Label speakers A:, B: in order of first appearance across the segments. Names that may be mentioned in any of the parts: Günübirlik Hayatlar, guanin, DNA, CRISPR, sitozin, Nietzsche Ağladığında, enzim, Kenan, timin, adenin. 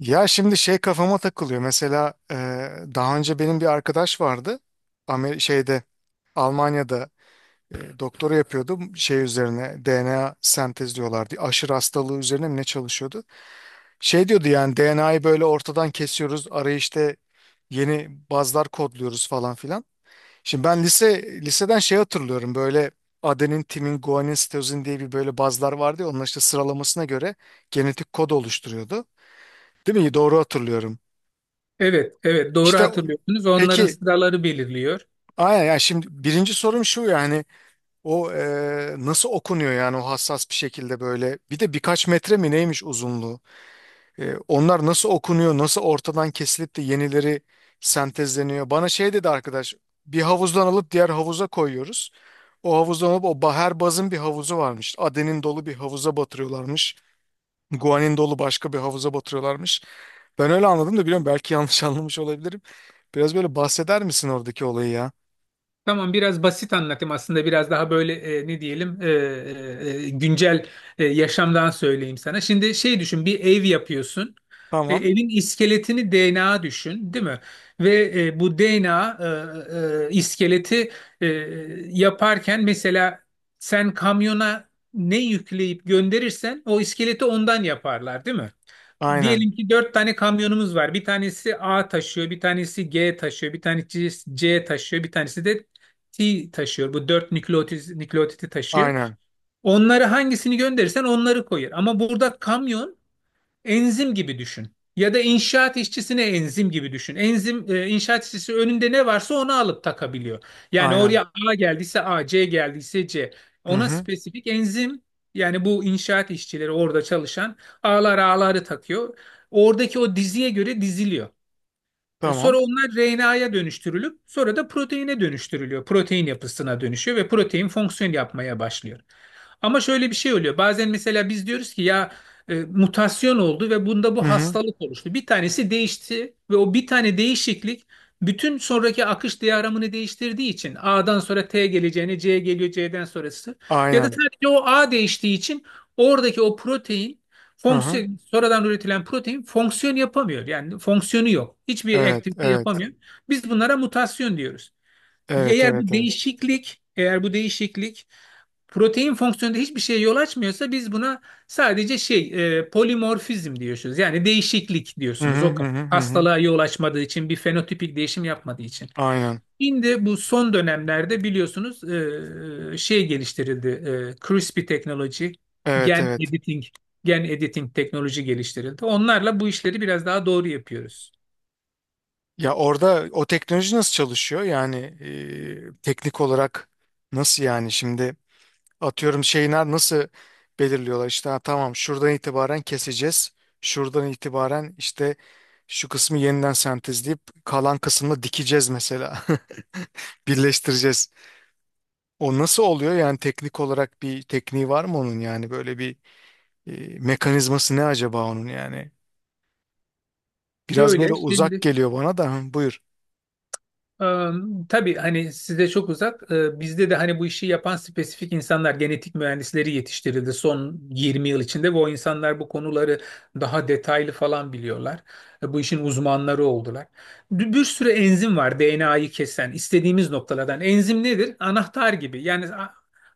A: Ya şimdi şey kafama takılıyor. Mesela daha önce benim bir arkadaş vardı. Amer şeyde Almanya'da doktora yapıyordu. Şey üzerine DNA sentezliyorlardı. Aşırı hastalığı üzerine mi ne çalışıyordu? Şey diyordu yani DNA'yı böyle ortadan kesiyoruz. Araya işte yeni bazlar kodluyoruz falan filan. Şimdi ben liseden şey hatırlıyorum, böyle adenin, timin, guanin, sitozin diye bir böyle bazlar vardı ya, onlar işte sıralamasına göre genetik kod oluşturuyordu. Değil mi? Doğru hatırlıyorum.
B: Evet, evet doğru
A: İşte o-
B: hatırlıyorsunuz. Onların
A: peki,
B: sıraları belirliyor.
A: aynen yani. Şimdi birinci sorum şu yani, o nasıl okunuyor yani, o hassas bir şekilde böyle, bir de birkaç metre mi neymiş uzunluğu. Onlar nasıl okunuyor, nasıl ortadan kesilip de yenileri sentezleniyor? Bana şey dedi arkadaş, bir havuzdan alıp diğer havuza koyuyoruz, o havuzdan alıp o her bazın bir havuzu varmış, adenin dolu bir havuza batırıyorlarmış, guanin dolu başka bir havuza batırıyorlarmış. Ben öyle anladım da, biliyorum, belki yanlış anlamış olabilirim. Biraz böyle bahseder misin oradaki olayı ya?
B: Tamam biraz basit anlatayım aslında biraz daha böyle e, ne diyelim e, e, güncel yaşamdan söyleyeyim sana. Şimdi şey düşün, bir ev yapıyorsun.
A: Tamam.
B: Evin iskeletini DNA düşün, değil mi? Ve bu DNA iskeleti e, yaparken mesela sen kamyona ne yükleyip gönderirsen o iskeleti ondan yaparlar, değil mi?
A: Aynen.
B: Diyelim ki dört tane kamyonumuz var. Bir tanesi A taşıyor, bir tanesi G taşıyor, bir tanesi C taşıyor, bir tanesi de T taşıyor. Bu dört nükleotiti taşıyor.
A: Aynen.
B: Onları hangisini gönderirsen onları koyar. Ama burada kamyon enzim gibi düşün. Ya da inşaat işçisine enzim gibi düşün. Enzim, inşaat işçisi önünde ne varsa onu alıp takabiliyor. Yani
A: Aynen.
B: oraya A geldiyse A, C geldiyse C.
A: Hı
B: Ona
A: hı.
B: spesifik enzim, yani bu inşaat işçileri orada çalışan A'ları takıyor. Oradaki o diziye göre diziliyor. Sonra
A: Tamam.
B: onlar RNA'ya dönüştürülüp sonra da proteine dönüştürülüyor. Protein yapısına dönüşüyor ve protein fonksiyon yapmaya başlıyor. Ama şöyle bir şey oluyor. Bazen mesela biz diyoruz ki ya mutasyon oldu ve bunda
A: Hı
B: bu
A: hı.
B: hastalık oluştu. Bir tanesi değişti ve o bir tane değişiklik bütün sonraki akış diyagramını değiştirdiği için A'dan sonra T geleceğine C geliyor, C'den sonrası, ya da
A: Aynen.
B: sadece o A değiştiği için oradaki o protein
A: Hı hı.
B: fonksiyon sonradan üretilen protein fonksiyon yapamıyor. Yani fonksiyonu yok. Hiçbir
A: Evet,
B: aktivite
A: evet.
B: yapamıyor. Biz bunlara mutasyon diyoruz.
A: Evet, evet, evet.
B: Eğer bu değişiklik protein fonksiyonunda hiçbir şeye yol açmıyorsa biz buna sadece şey, polimorfizm diyorsunuz. Yani değişiklik
A: Hı
B: diyorsunuz
A: hı
B: o
A: hı
B: kadar.
A: hı hı. Hı.
B: Hastalığa yol açmadığı için, bir fenotipik değişim yapmadığı için.
A: Aynen.
B: Şimdi bu son dönemlerde biliyorsunuz şey geliştirildi. CRISPR teknoloji,
A: Evet,
B: gen
A: evet.
B: editing, gen editing teknoloji geliştirildi. Onlarla bu işleri biraz daha doğru yapıyoruz.
A: Ya orada o teknoloji nasıl çalışıyor? Yani teknik olarak nasıl yani şimdi? Atıyorum, şeyler nasıl belirliyorlar işte, ha, tamam, şuradan itibaren keseceğiz. Şuradan itibaren işte şu kısmı yeniden sentezleyip kalan kısmını dikeceğiz mesela. Birleştireceğiz. O nasıl oluyor yani, teknik olarak bir tekniği var mı onun, yani böyle bir mekanizması ne acaba onun yani? Biraz böyle
B: Böyle
A: uzak
B: şimdi,
A: geliyor bana da. Hı, buyur.
B: Ee, tabii hani size çok uzak. Bizde de hani bu işi yapan spesifik insanlar, genetik mühendisleri yetiştirildi son 20 yıl içinde, ve o insanlar bu konuları daha detaylı falan biliyorlar. Bu işin uzmanları oldular. Bir sürü enzim var, DNA'yı kesen istediğimiz noktalardan. Enzim nedir? Anahtar gibi. Yani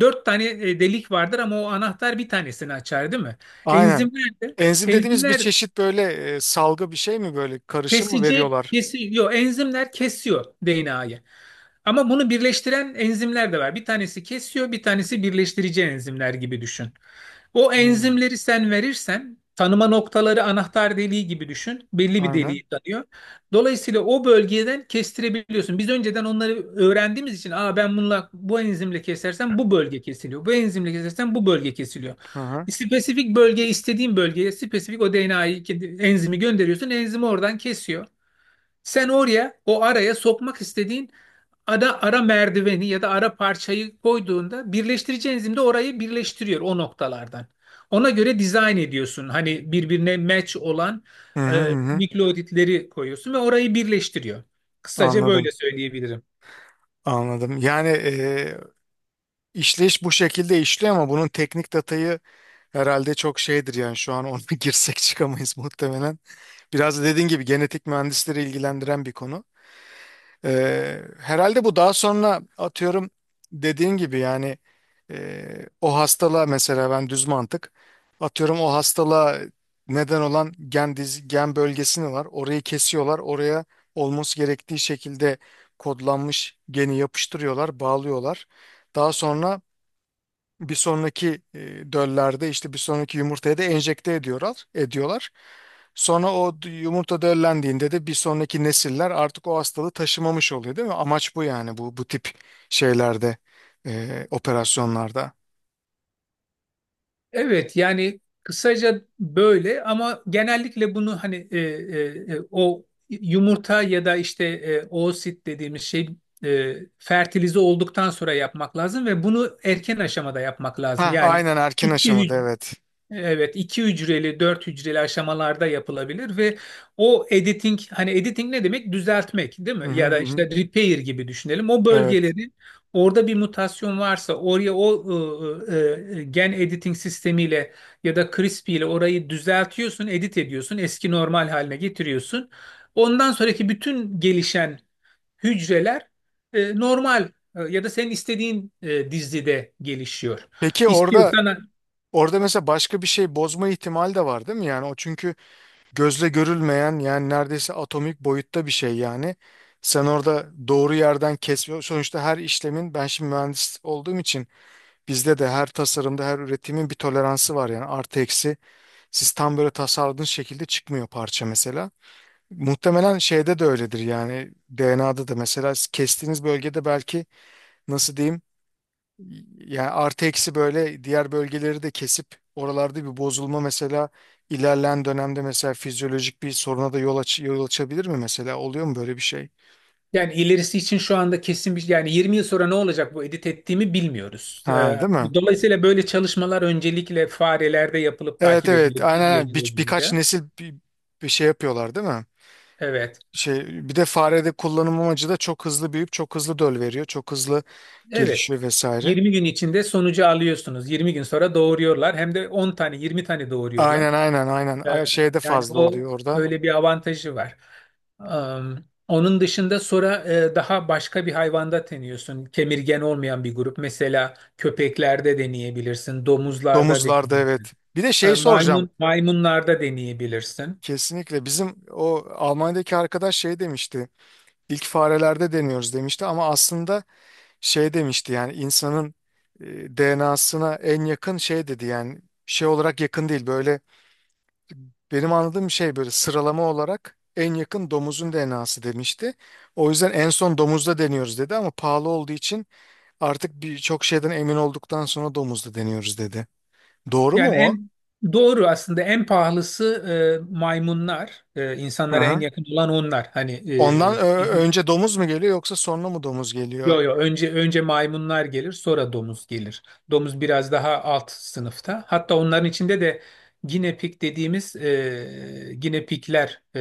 B: dört tane delik vardır, ama o anahtar bir tanesini açar, değil mi?
A: Aynen.
B: Enzimler de,
A: Enzim dediğimiz bir
B: enzimler,
A: çeşit böyle salgı bir şey mi, böyle karışım mı
B: kesici
A: veriyorlar?
B: kesiyor. Enzimler kesiyor DNA'yı. Ama bunu birleştiren enzimler de var. Bir tanesi kesiyor, bir tanesi birleştirici, enzimler gibi düşün. O
A: Hmm.
B: enzimleri sen verirsen, tanıma noktaları anahtar deliği gibi düşün. Belli bir
A: Aynen.
B: deliği tanıyor. Dolayısıyla o bölgeden kestirebiliyorsun. Biz önceden onları öğrendiğimiz için, aa, ben bununla, bu enzimle kesersem bu bölge kesiliyor. Bu enzimle kesersem bu bölge kesiliyor.
A: Hı hı.
B: Spesifik bölgeye, istediğin bölgeye spesifik o enzimi gönderiyorsun. Enzimi oradan kesiyor. Sen oraya, o araya sokmak istediğin ara merdiveni ya da ara parçayı koyduğunda, birleştirici enzim de orayı birleştiriyor o noktalardan. Ona göre dizayn ediyorsun. Hani birbirine match olan
A: Hı hı hı.
B: nükleotitleri koyuyorsun ve orayı birleştiriyor. Kısaca böyle
A: Anladım,
B: söyleyebilirim.
A: anladım. Yani işleyiş bu şekilde işliyor ama bunun teknik datayı herhalde çok şeydir yani, şu an ona girsek çıkamayız muhtemelen. Biraz da dediğin gibi genetik mühendisleri ilgilendiren bir konu. Herhalde bu daha sonra, atıyorum, dediğin gibi yani, e, o hastalığa mesela, ben düz mantık atıyorum, o hastalığa neden olan gen bölgesini var. Orayı kesiyorlar. Oraya olması gerektiği şekilde kodlanmış geni yapıştırıyorlar, bağlıyorlar. Daha sonra bir sonraki döllerde, işte bir sonraki yumurtaya da enjekte ediyorlar. Sonra yumurta döllendiğinde de bir sonraki nesiller artık o hastalığı taşımamış oluyor, değil mi? Amaç bu yani, bu tip şeylerde, operasyonlarda.
B: Evet, yani kısaca böyle, ama genellikle bunu hani o yumurta ya da işte oosit dediğimiz şey fertilize olduktan sonra yapmak lazım, ve bunu erken aşamada yapmak lazım.
A: Ha
B: Yani
A: aynen, erken
B: iki,
A: aşamada, evet.
B: evet, iki hücreli, dört hücreli aşamalarda yapılabilir. Ve o editing, hani editing ne demek? Düzeltmek, değil
A: Hı
B: mi?
A: hı
B: Ya
A: hı.
B: da işte
A: Hı.
B: repair gibi düşünelim. O
A: Evet.
B: bölgeleri, orada bir mutasyon varsa, oraya gen editing sistemiyle ya da CRISPR ile orayı düzeltiyorsun, edit ediyorsun, eski normal haline getiriyorsun. Ondan sonraki bütün gelişen hücreler normal, ya da senin istediğin dizide gelişiyor.
A: Peki orada
B: İstiyorsan,
A: orada mesela başka bir şey bozma ihtimali de var, değil mi? Yani o çünkü gözle görülmeyen, yani neredeyse atomik boyutta bir şey yani. Sen orada doğru yerden kesme sonuçta, her işlemin, ben şimdi mühendis olduğum için bizde de her tasarımda her üretimin bir toleransı var yani, artı eksi siz tam böyle tasarladığınız şekilde çıkmıyor parça mesela. Muhtemelen şeyde de öyledir yani, DNA'da da mesela kestiğiniz bölgede belki, nasıl diyeyim yani, artı eksi böyle diğer bölgeleri de kesip oralarda bir bozulma, mesela ilerleyen dönemde mesela fizyolojik bir soruna da yol açabilir mi mesela? Oluyor mu böyle bir şey?
B: yani ilerisi için şu anda kesin bir, yani 20 yıl sonra ne olacak bu edit ettiğimi bilmiyoruz.
A: Ha, değil mi?
B: Dolayısıyla böyle çalışmalar öncelikle farelerde yapılıp
A: Evet
B: takip
A: evet,
B: edilir bir
A: aynen aynen.
B: yıl
A: Birkaç
B: boyunca.
A: nesil bir şey yapıyorlar değil mi?
B: Evet.
A: Şey, bir de farede kullanım amacı da, çok hızlı büyüyüp çok hızlı döl veriyor. Çok hızlı
B: Evet.
A: gelişiyor vesaire.
B: 20 gün içinde sonucu alıyorsunuz. 20 gün sonra doğuruyorlar. Hem de 10 tane, 20 tane
A: Aynen
B: doğuruyorlar.
A: aynen aynen.
B: Ee,
A: Şeyde
B: Yani
A: fazla
B: o
A: oluyor orada.
B: öyle bir avantajı var. Onun dışında sonra daha başka bir hayvanda deniyorsun. Kemirgen olmayan bir grup. Mesela köpeklerde deneyebilirsin, domuzlarda
A: Domuzlarda,
B: deneyebilirsin.
A: evet. Bir de şey soracağım.
B: Maymunlarda deneyebilirsin.
A: Kesinlikle, bizim o Almanya'daki arkadaş şey demişti, ilk farelerde deniyoruz demişti ama aslında şey demişti yani, insanın DNA'sına en yakın şey dedi, yani şey olarak yakın değil, böyle benim anladığım şey, böyle sıralama olarak en yakın domuzun DNA'sı demişti. O yüzden en son domuzda deniyoruz dedi, ama pahalı olduğu için artık birçok şeyden emin olduktan sonra domuzda deniyoruz dedi. Doğru mu
B: Yani
A: o?
B: en doğru, aslında en pahalısı maymunlar.
A: Hı
B: İnsanlara en
A: hı.
B: yakın olan onlar. Hani
A: Ondan
B: e, bizim
A: önce domuz mu geliyor, yoksa sonra mı domuz geliyor?
B: yo yo, önce, önce maymunlar gelir, sonra domuz gelir. Domuz biraz daha alt sınıfta. Hatta onların içinde de guinea pig dediğimiz, guinea pigler, e,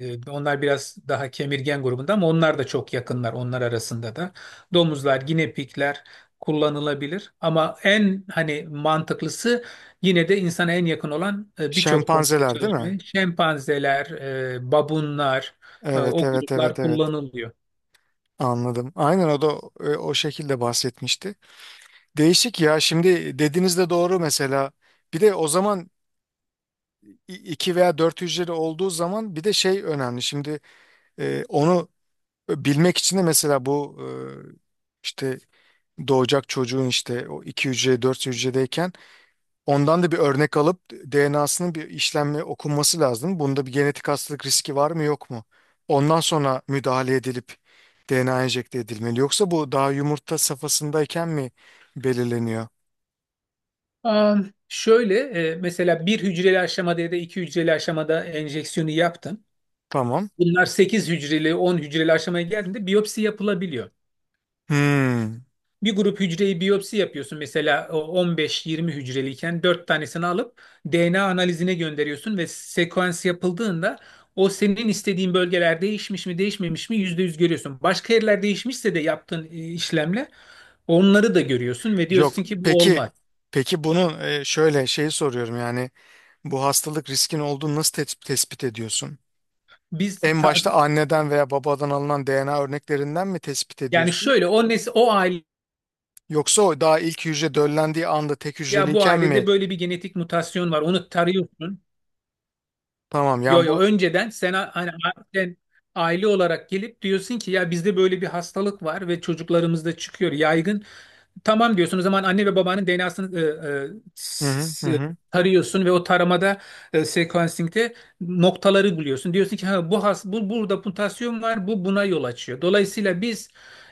B: e, onlar biraz daha kemirgen grubunda, ama onlar da çok yakınlar onlar arasında da. Domuzlar, guinea pigler kullanılabilir, ama en hani mantıklısı, yine de insana en yakın olan, birçok konuda
A: Şempanzeler, değil mi?
B: çalışmayı şempanzeler, babunlar,
A: Evet
B: o
A: evet evet
B: gruplar
A: evet,
B: kullanılıyor.
A: anladım. Aynen, o da o şekilde bahsetmişti. Değişik ya, şimdi dediğiniz de doğru mesela. Bir de o zaman iki veya dört hücreli olduğu zaman bir de şey önemli. Şimdi onu bilmek için de mesela, bu işte doğacak çocuğun, işte o iki hücre, dört hücredeyken ondan da bir örnek alıp DNA'sının bir işlemle okunması lazım. Bunda bir genetik hastalık riski var mı yok mu? Ondan sonra müdahale edilip DNA enjekte edilmeli. Yoksa bu daha yumurta safhasındayken mi belirleniyor?
B: Şöyle, mesela bir hücreli aşamada ya da iki hücreli aşamada enjeksiyonu yaptın.
A: Tamam.
B: Bunlar 8 hücreli, 10 hücreli aşamaya geldiğinde biyopsi yapılabiliyor.
A: Hmm,
B: Bir grup hücreyi biyopsi yapıyorsun, mesela o on beş, yirmi hücreliyken 4 tanesini alıp DNA analizine gönderiyorsun, ve sekans yapıldığında o senin istediğin bölgeler değişmiş mi değişmemiş mi %100 görüyorsun. Başka yerler değişmişse de yaptığın işlemle onları da görüyorsun ve
A: yok.
B: diyorsun ki bu
A: Peki,
B: olmaz.
A: peki bunu şöyle, şeyi soruyorum yani, bu hastalık riskin olduğunu nasıl tespit ediyorsun?
B: Biz
A: En
B: ta-
A: başta anneden veya babadan alınan DNA örneklerinden mi tespit
B: yani
A: ediyorsun?
B: şöyle o nes o aile
A: Yoksa o daha ilk hücre döllendiği anda tek
B: ya, bu
A: hücreliyken mi?
B: ailede böyle bir genetik mutasyon var. Onu tarıyorsun.
A: Tamam
B: Yo
A: yani
B: yo,
A: bu.
B: önceden sen, sen aile olarak gelip diyorsun ki ya, bizde böyle bir hastalık var ve çocuklarımızda çıkıyor yaygın. Tamam diyorsun. O zaman anne ve babanın DNA'sını e,
A: Hı hı hı.
B: s- e,
A: Hı.
B: tarıyorsun ve o taramada, sequencing'de noktaları buluyorsun. Diyorsun ki ha, bu burada mutasyon var. Bu buna yol açıyor. Dolayısıyla biz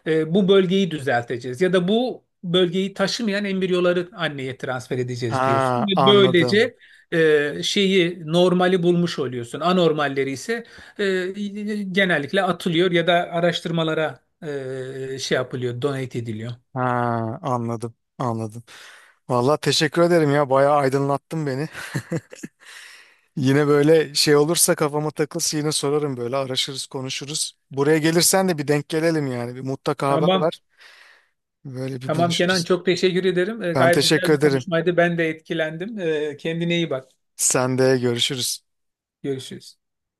B: bu bölgeyi düzelteceğiz ya da bu bölgeyi taşımayan embriyoları anneye transfer edeceğiz diyorsun.
A: Ha
B: Ve
A: anladım.
B: böylece e, şeyi normali bulmuş oluyorsun. Anormalleri ise e, genellikle atılıyor ya da araştırmalara donate ediliyor.
A: Ha anladım. Anladım. Vallahi teşekkür ederim ya. Bayağı aydınlattın beni. Yine böyle şey olursa, kafama takılsa yine sorarım, böyle araşırız, konuşuruz. Buraya gelirsen de bir denk gelelim yani. Bir mutlaka haber
B: Tamam.
A: ver. Böyle bir
B: Tamam Kenan,
A: buluşuruz.
B: çok teşekkür ederim.
A: Ben
B: Gayet
A: teşekkür
B: güzel bir
A: ederim.
B: konuşmaydı. Ben de etkilendim. Kendine iyi bak.
A: Sen de görüşürüz.
B: Görüşürüz.